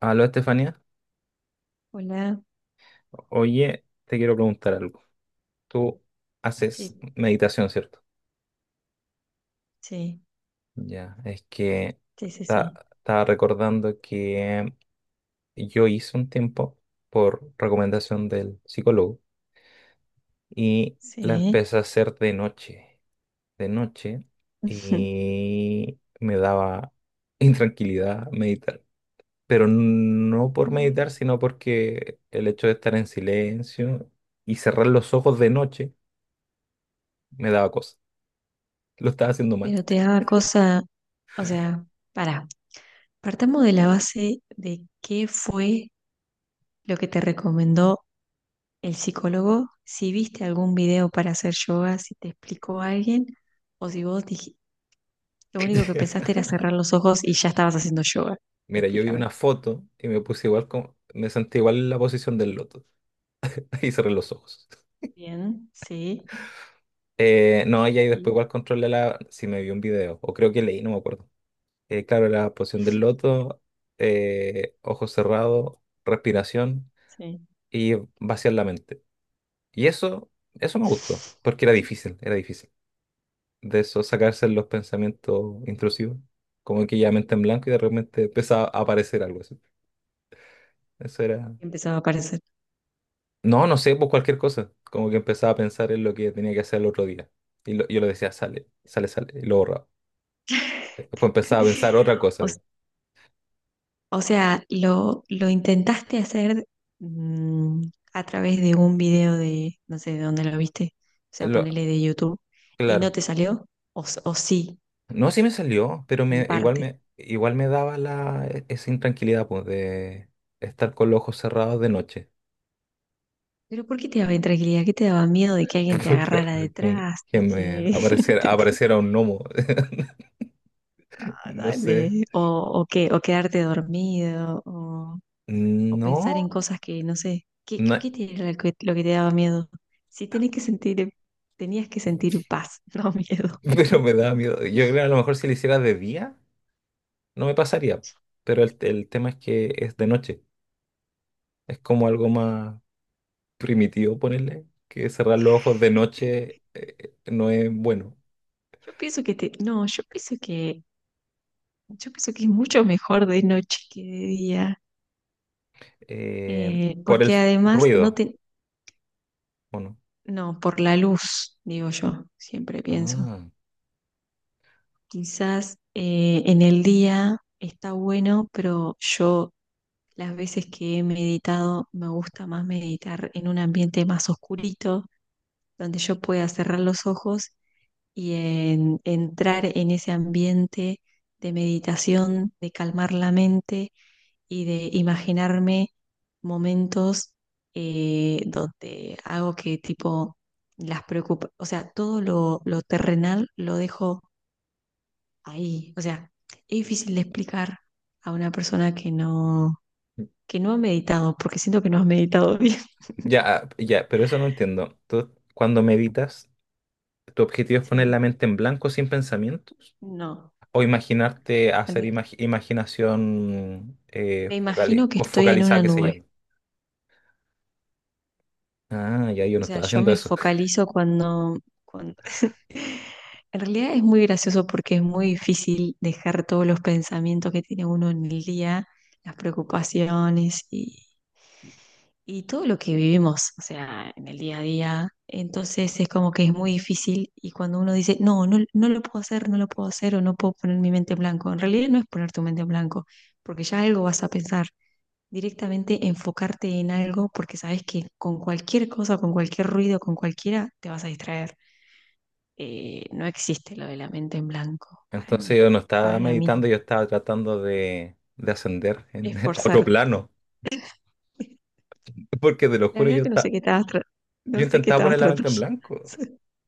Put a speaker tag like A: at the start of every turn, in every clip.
A: Aló, Estefanía.
B: Hola,
A: Oye, te quiero preguntar algo. Tú haces
B: sí,
A: meditación, ¿cierto?
B: sí,
A: Ya, es que
B: sí, sí, sí,
A: estaba recordando que yo hice un tiempo por recomendación del psicólogo y la
B: sí.
A: empecé a hacer de noche, y me daba intranquilidad meditar. Pero no por meditar, sino porque el hecho de estar en silencio y cerrar los ojos de noche me daba cosas. Lo estaba haciendo mal.
B: Pero te daba cosa, o sea, para, partamos de la base de qué fue lo que te recomendó el psicólogo, si viste algún video para hacer yoga, si te explicó alguien, o si vos dijiste, lo único que pensaste era cerrar los ojos y ya estabas haciendo yoga.
A: Mira, yo vi
B: Explícame.
A: una foto y me puse igual como, me sentí igual en la posición del loto y cerré los ojos.
B: Bien, sí,
A: No, y ahí después
B: y
A: igual controlé la, si me vi un video, o creo que leí, no me acuerdo. Claro, la posición del loto, ojos cerrados, respiración
B: sí.
A: y vaciar la mente. Y eso me gustó, porque era difícil, era difícil. De eso sacarse los pensamientos intrusivos, como que ya mente en blanco y de repente empezaba a aparecer algo así. Eso era.
B: Empezaba a aparecer.
A: No, no sé, pues cualquier cosa. Como que empezaba a pensar en lo que tenía que hacer el otro día. Y yo lo decía, sale, sale, sale. Y lo borraba. Después empezaba a pensar otra
B: O
A: cosa.
B: O sea, lo intentaste hacer mm, a través de un video de, no sé de dónde lo viste, o sea,
A: Lo-
B: ponele de YouTube, y no
A: claro.
B: te salió, o sí,
A: No, sí me salió, pero
B: en
A: igual
B: parte.
A: igual me daba la, esa intranquilidad, pues, de estar con los ojos cerrados de noche.
B: Pero ¿por qué te daba intranquilidad? ¿Qué te daba miedo de que alguien te agarrara detrás?
A: Que
B: ¿De
A: me
B: que
A: apareciera,
B: te- te-
A: apareciera un gnomo.
B: ah,
A: No sé.
B: dale? O qué, o, quedarte dormido, o pensar
A: No,
B: en cosas que, no sé, ¿qué,
A: no,
B: qué te era lo que te daba miedo? Si tenés que sentir, Tenías que sentir paz, no miedo.
A: pero me daba miedo. Yo creo que a lo mejor si lo hiciera de día no me pasaría. Pero el tema es que es de noche. Es como algo más primitivo ponerle, que cerrar los ojos de noche no es bueno.
B: Yo pienso que te, no, yo pienso que es mucho mejor de noche que de día,
A: Por el
B: porque además
A: ruido, ¿o no?
B: no, por la luz, digo yo, siempre pienso.
A: Ah,
B: Quizás en el día está bueno, pero yo las veces que he meditado me gusta más meditar en un ambiente más oscurito, donde yo pueda cerrar los ojos y en entrar en ese ambiente de meditación, de calmar la mente y de imaginarme momentos donde hago que tipo o sea, todo lo terrenal lo dejo ahí. O sea, es difícil de explicar a una persona que no ha meditado, porque siento que no has meditado bien.
A: ya, ah, ya, pero eso no entiendo. Tú, cuando meditas, ¿tu objetivo es poner la
B: Sí.
A: mente en blanco sin pensamientos?
B: No.
A: ¿O imaginarte
B: En
A: hacer
B: re-
A: imaginación
B: Me imagino que estoy en
A: focalizada
B: una
A: que se
B: nube.
A: llama? Ah, ya yo
B: O
A: no
B: sea,
A: estaba
B: yo
A: haciendo
B: me
A: eso.
B: focalizo cuando... En realidad es muy gracioso porque es muy difícil dejar todos los pensamientos que tiene uno en el día, las preocupaciones y todo lo que vivimos, o sea, en el día a día. Entonces es como que es muy difícil y cuando uno dice, no, no, no lo puedo hacer, no lo puedo hacer o no puedo poner mi mente en blanco, en realidad no es poner tu mente en blanco, porque ya algo vas a pensar, directamente enfocarte en algo porque sabes que con cualquier cosa, con cualquier ruido, con cualquiera, te vas a distraer. No existe lo de la mente en blanco
A: Entonces yo no estaba
B: para mí,
A: meditando, yo estaba tratando de ascender en, a otro
B: esforzarte.
A: plano. Porque te lo
B: La
A: juro,
B: verdad
A: yo,
B: que no
A: esta-
B: sé qué estabas, tra- no
A: Yo
B: sé qué
A: intentaba
B: estabas
A: poner la
B: tratando.
A: mente en blanco.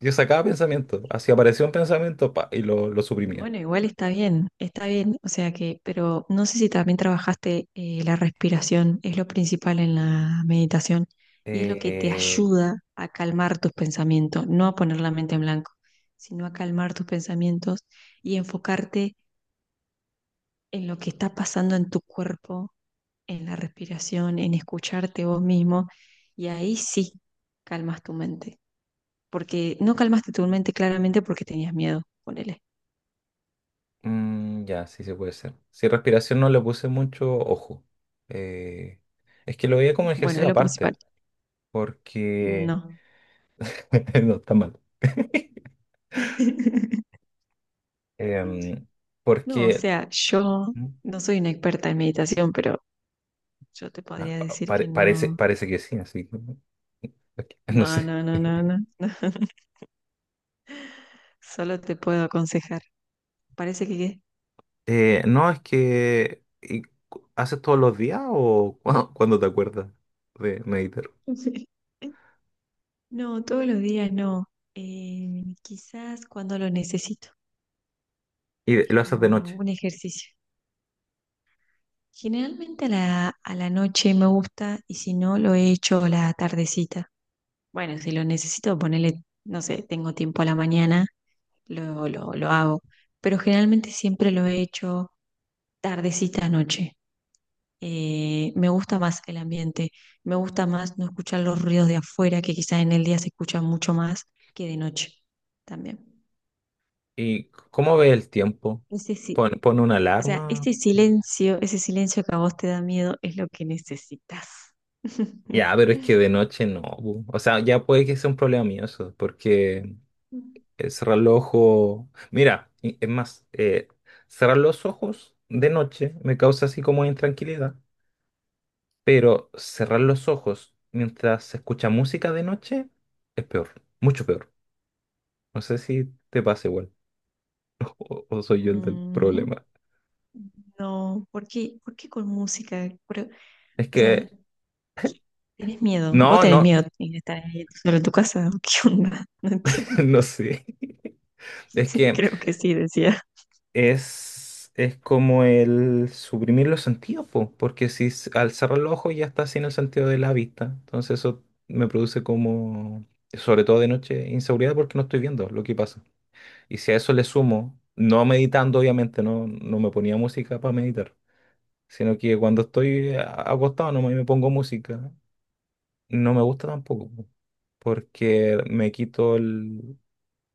A: Yo sacaba pensamiento, así aparecía un pensamiento pa, y lo suprimía.
B: Bueno, igual está bien, o sea que, pero no sé si también trabajaste la respiración, es lo principal en la meditación y es lo que te
A: Eh,
B: ayuda a calmar tus pensamientos, no a poner la mente en blanco, sino a calmar tus pensamientos y enfocarte en lo que está pasando en tu cuerpo, en la respiración, en escucharte vos mismo y ahí sí calmas tu mente, porque no calmaste tu mente claramente porque tenías miedo, ponele.
A: ya, sí, se puede ser. Si respiración no le puse mucho ojo. Eh, es que lo veía como
B: Bueno, es
A: ejercicio
B: lo
A: aparte,
B: principal,
A: porque...
B: no.
A: no, está mal. Em,
B: No, o
A: porque...
B: sea, yo
A: mm,
B: no soy una experta en meditación, pero yo te
A: Ah,
B: podría decir que
A: parece,
B: no,
A: parece que sí, así que no
B: no,
A: sé.
B: no, no, no, no, solo te puedo aconsejar. Parece que
A: No, es que ¿y ¿haces todos los días o cuando, cuando te acuerdas de meditar?
B: no, todos los días no. Quizás cuando lo necesito.
A: Y
B: Es
A: lo haces de
B: como
A: noche.
B: un ejercicio. Generalmente a la noche me gusta y si no, lo he hecho la tardecita. Bueno, si lo necesito, ponele, no sé, tengo tiempo a la mañana lo hago, pero generalmente siempre lo he hecho tardecita a noche. Me gusta más el ambiente, me gusta más no escuchar los ruidos de afuera, que quizás en el día se escuchan mucho más que de noche también.
A: ¿Y cómo ve el tiempo?
B: Ese
A: ¿Pone,
B: sí,
A: pone una
B: o sea,
A: alarma?
B: ese silencio que a vos te da miedo es lo que necesitas.
A: Ya, pero es que de noche no. Bu. O sea, ya puede que sea un problema mío eso, porque cerrar los ojos. Mira, es más, cerrar los ojos de noche me causa así como intranquilidad. Pero cerrar los ojos mientras se escucha música de noche es peor, mucho peor. No sé si te pasa igual o soy yo el del
B: Mm.
A: problema.
B: No, ¿por qué con música? Pero,
A: Es
B: o sea,
A: que,
B: ¿Tenés miedo? ¿Vos
A: no,
B: tenés
A: no,
B: miedo de estar ahí solo en tu casa? ¿Qué onda? No entiendo.
A: no sé. Es que
B: Creo que sí, decía.
A: es como el suprimir los sentidos, po, porque si al cerrar los ojos ya está sin el sentido de la vista. Entonces eso me produce como, sobre todo de noche, inseguridad porque no estoy viendo lo que pasa. Y si a eso le sumo, no meditando obviamente, no, no me ponía música para meditar, sino que cuando estoy acostado no me pongo música, no me gusta tampoco, po, porque me quito el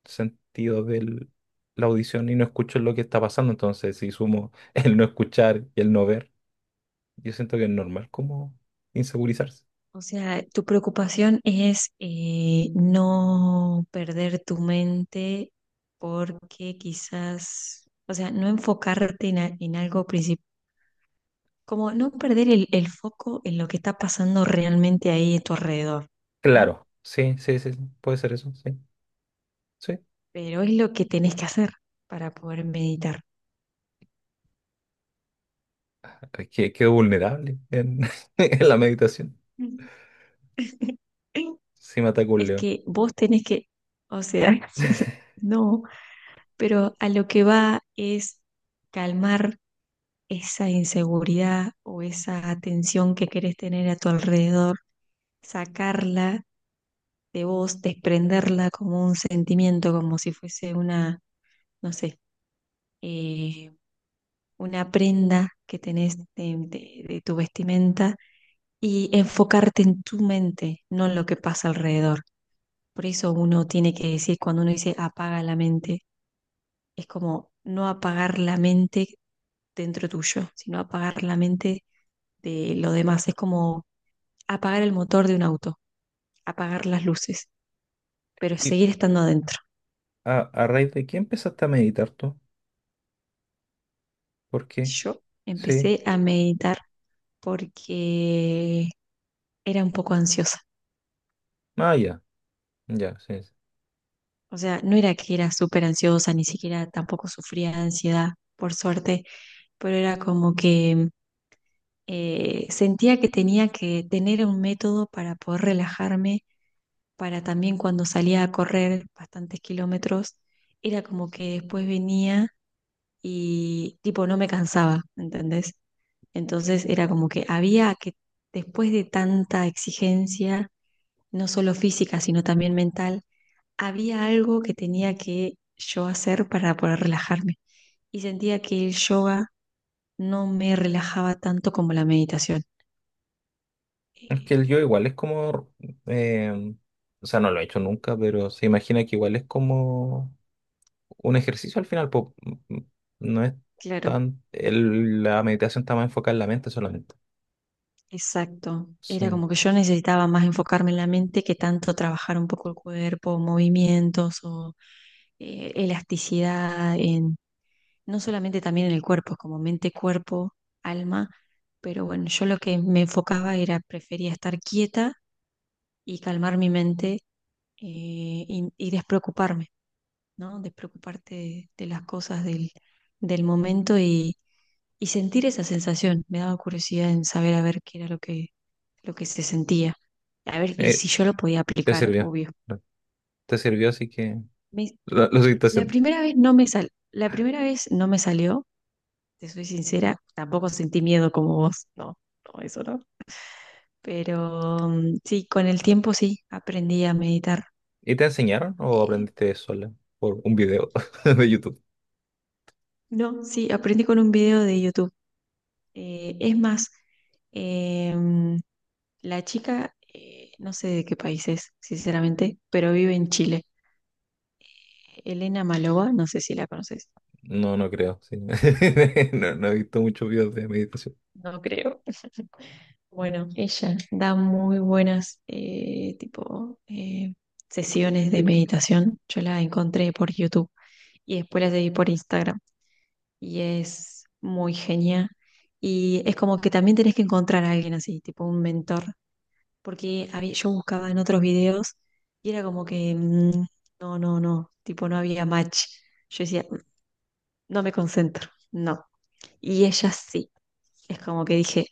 A: sentido de la audición y no escucho lo que está pasando, entonces si sumo el no escuchar y el no ver, yo siento que es normal como insegurizarse.
B: O sea, tu preocupación es no perder tu mente porque quizás, o sea, no enfocarte en algo principal, como no perder el foco en lo que está pasando realmente ahí a tu alrededor, ¿no?
A: Claro, sí, sí, sí, sí, puede ser eso, sí, sí.
B: Pero es lo que tenés que hacer para poder meditar.
A: Es que quedo vulnerable en, en la meditación,
B: Mm.
A: si me ataca un
B: Es
A: león.
B: que vos tenés que, o sea, no, pero a lo que va es calmar esa inseguridad o esa atención que querés tener a tu alrededor, sacarla de vos, desprenderla como un sentimiento, como si fuese una, no sé, eh, una prenda que tenés de tu vestimenta y enfocarte en tu mente, no en lo que pasa alrededor. Por eso uno tiene que decir, cuando uno dice apaga la mente, es como no apagar la mente dentro tuyo, sino apagar la mente de lo demás. Es como apagar el motor de un auto, apagar las luces, pero seguir estando adentro.
A: A raíz de qué empezaste a meditar tú? ¿Por qué?
B: Yo
A: Sí.
B: empecé a meditar porque era un poco ansiosa.
A: Ah, ya, ya, sí. Sí.
B: O sea, no era que era súper ansiosa, ni siquiera tampoco sufría de ansiedad, por suerte, pero era como que sentía que tenía que tener un método para poder relajarme para también cuando salía a correr bastantes kilómetros, era como que después venía y tipo no me cansaba, ¿entendés? Entonces era como que había que, después de tanta exigencia, no solo física, sino también mental, había algo que tenía que yo hacer para poder relajarme. Y sentía que el yoga no me relajaba tanto como la meditación.
A: Es que
B: Eh,
A: el yo igual es como, eh, o sea, no lo he hecho nunca, pero se imagina que igual es como un ejercicio al final, po. Mm, no es
B: claro,
A: tan, la meditación está más enfocada en la mente solamente.
B: exacto. Era
A: Sí.
B: como que yo necesitaba más enfocarme en la mente que tanto trabajar un poco el cuerpo, movimientos o elasticidad en, no solamente también en el cuerpo, como mente, cuerpo, alma, pero bueno, yo lo que me enfocaba era, prefería estar quieta y calmar mi mente eh, y despreocuparme. ¿No? Despreocuparte de las cosas del, del momento y sentir esa sensación. Me daba curiosidad en saber a ver qué era lo que se sentía. A ver, y
A: Eh,
B: si yo lo podía
A: te
B: aplicar,
A: sirvió,
B: obvio.
A: eh, te sirvió, así que
B: Me-
A: lo seguiste haciendo.
B: la primera vez no me salió, te soy sincera, tampoco sentí miedo como vos, no, no, eso no. Pero mm, sí, con el tiempo sí, aprendí a meditar.
A: ¿Y te enseñaron o
B: Eh,
A: aprendiste sola por un video de YouTube?
B: no, sí, aprendí con un video de YouTube. Eh, es más, eh, La chica, no sé de qué país es, sinceramente, pero vive en Chile. Elena Malova, no sé si la conoces.
A: No, no creo, sí. No, no he visto muchos videos de meditación.
B: No creo. Bueno, ella da muy buenas tipo sesiones de meditación. Yo la encontré por YouTube y después la seguí por Instagram. Y es muy genial. Y es como que también tenés que encontrar a alguien así, tipo un mentor porque yo buscaba en otros videos y era como que no, no, no, tipo no había match. Yo decía, "Mm, no me concentro, no". Y ella sí, es como que dije,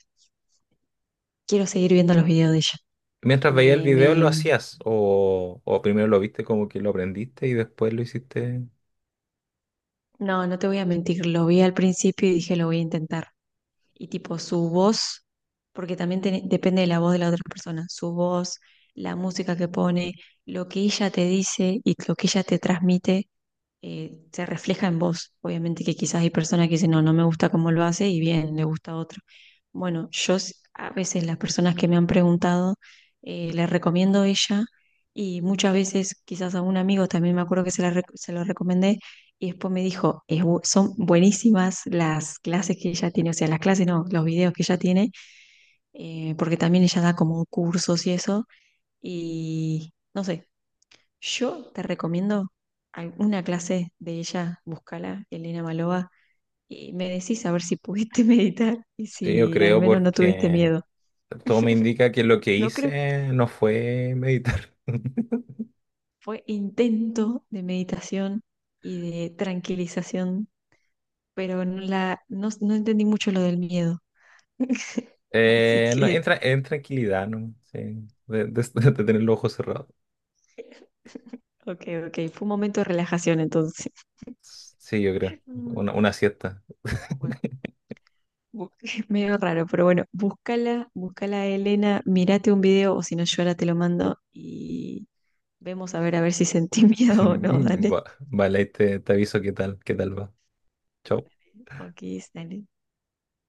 B: quiero seguir viendo los videos de ella.
A: Mientras veía el
B: Me,
A: video, ¿lo
B: me,
A: hacías? O primero lo viste como que lo aprendiste y después lo hiciste?
B: no, no te voy a mentir, lo vi al principio y dije, lo voy a intentar. Y tipo su voz, porque también depende de la voz de la otra persona, su voz, la música que pone, lo que ella te dice y lo que ella te transmite se refleja en vos. Obviamente que quizás hay personas que dicen, no, no me gusta cómo lo hace y bien, le gusta otro. Bueno, a veces las personas que me han preguntado, les recomiendo ella y muchas veces quizás a un amigo también me acuerdo que se, la rec- se lo recomendé y después me dijo, "Es son buenísimas las clases que ella tiene, o sea, las clases no, los videos que ella tiene, porque también ella da como cursos y eso y... No sé, yo te recomiendo alguna clase de ella, búscala, Elena Malova, y me decís a ver si pudiste meditar y
A: Sí, yo
B: si al
A: creo
B: menos no tuviste
A: porque
B: miedo.
A: todo me indica que lo que
B: No creo que
A: hice no fue meditar.
B: fue intento de meditación y de tranquilización, pero no, no, no entendí mucho lo del miedo. Así
A: No,
B: que,
A: entra en tranquilidad, ¿no? Sí, de tener los ojos cerrados.
B: ok, ok, fue un momento de relajación entonces.
A: Sí, yo creo.
B: Mm.
A: Una siesta.
B: Bueno, es medio raro, pero bueno, búscala, búscala a Elena, mírate un video o si no yo ahora te lo mando. Vemos a ver si sentí miedo o no, dale.
A: Vale, ahí te aviso qué tal va. Chao.
B: Ok, dale.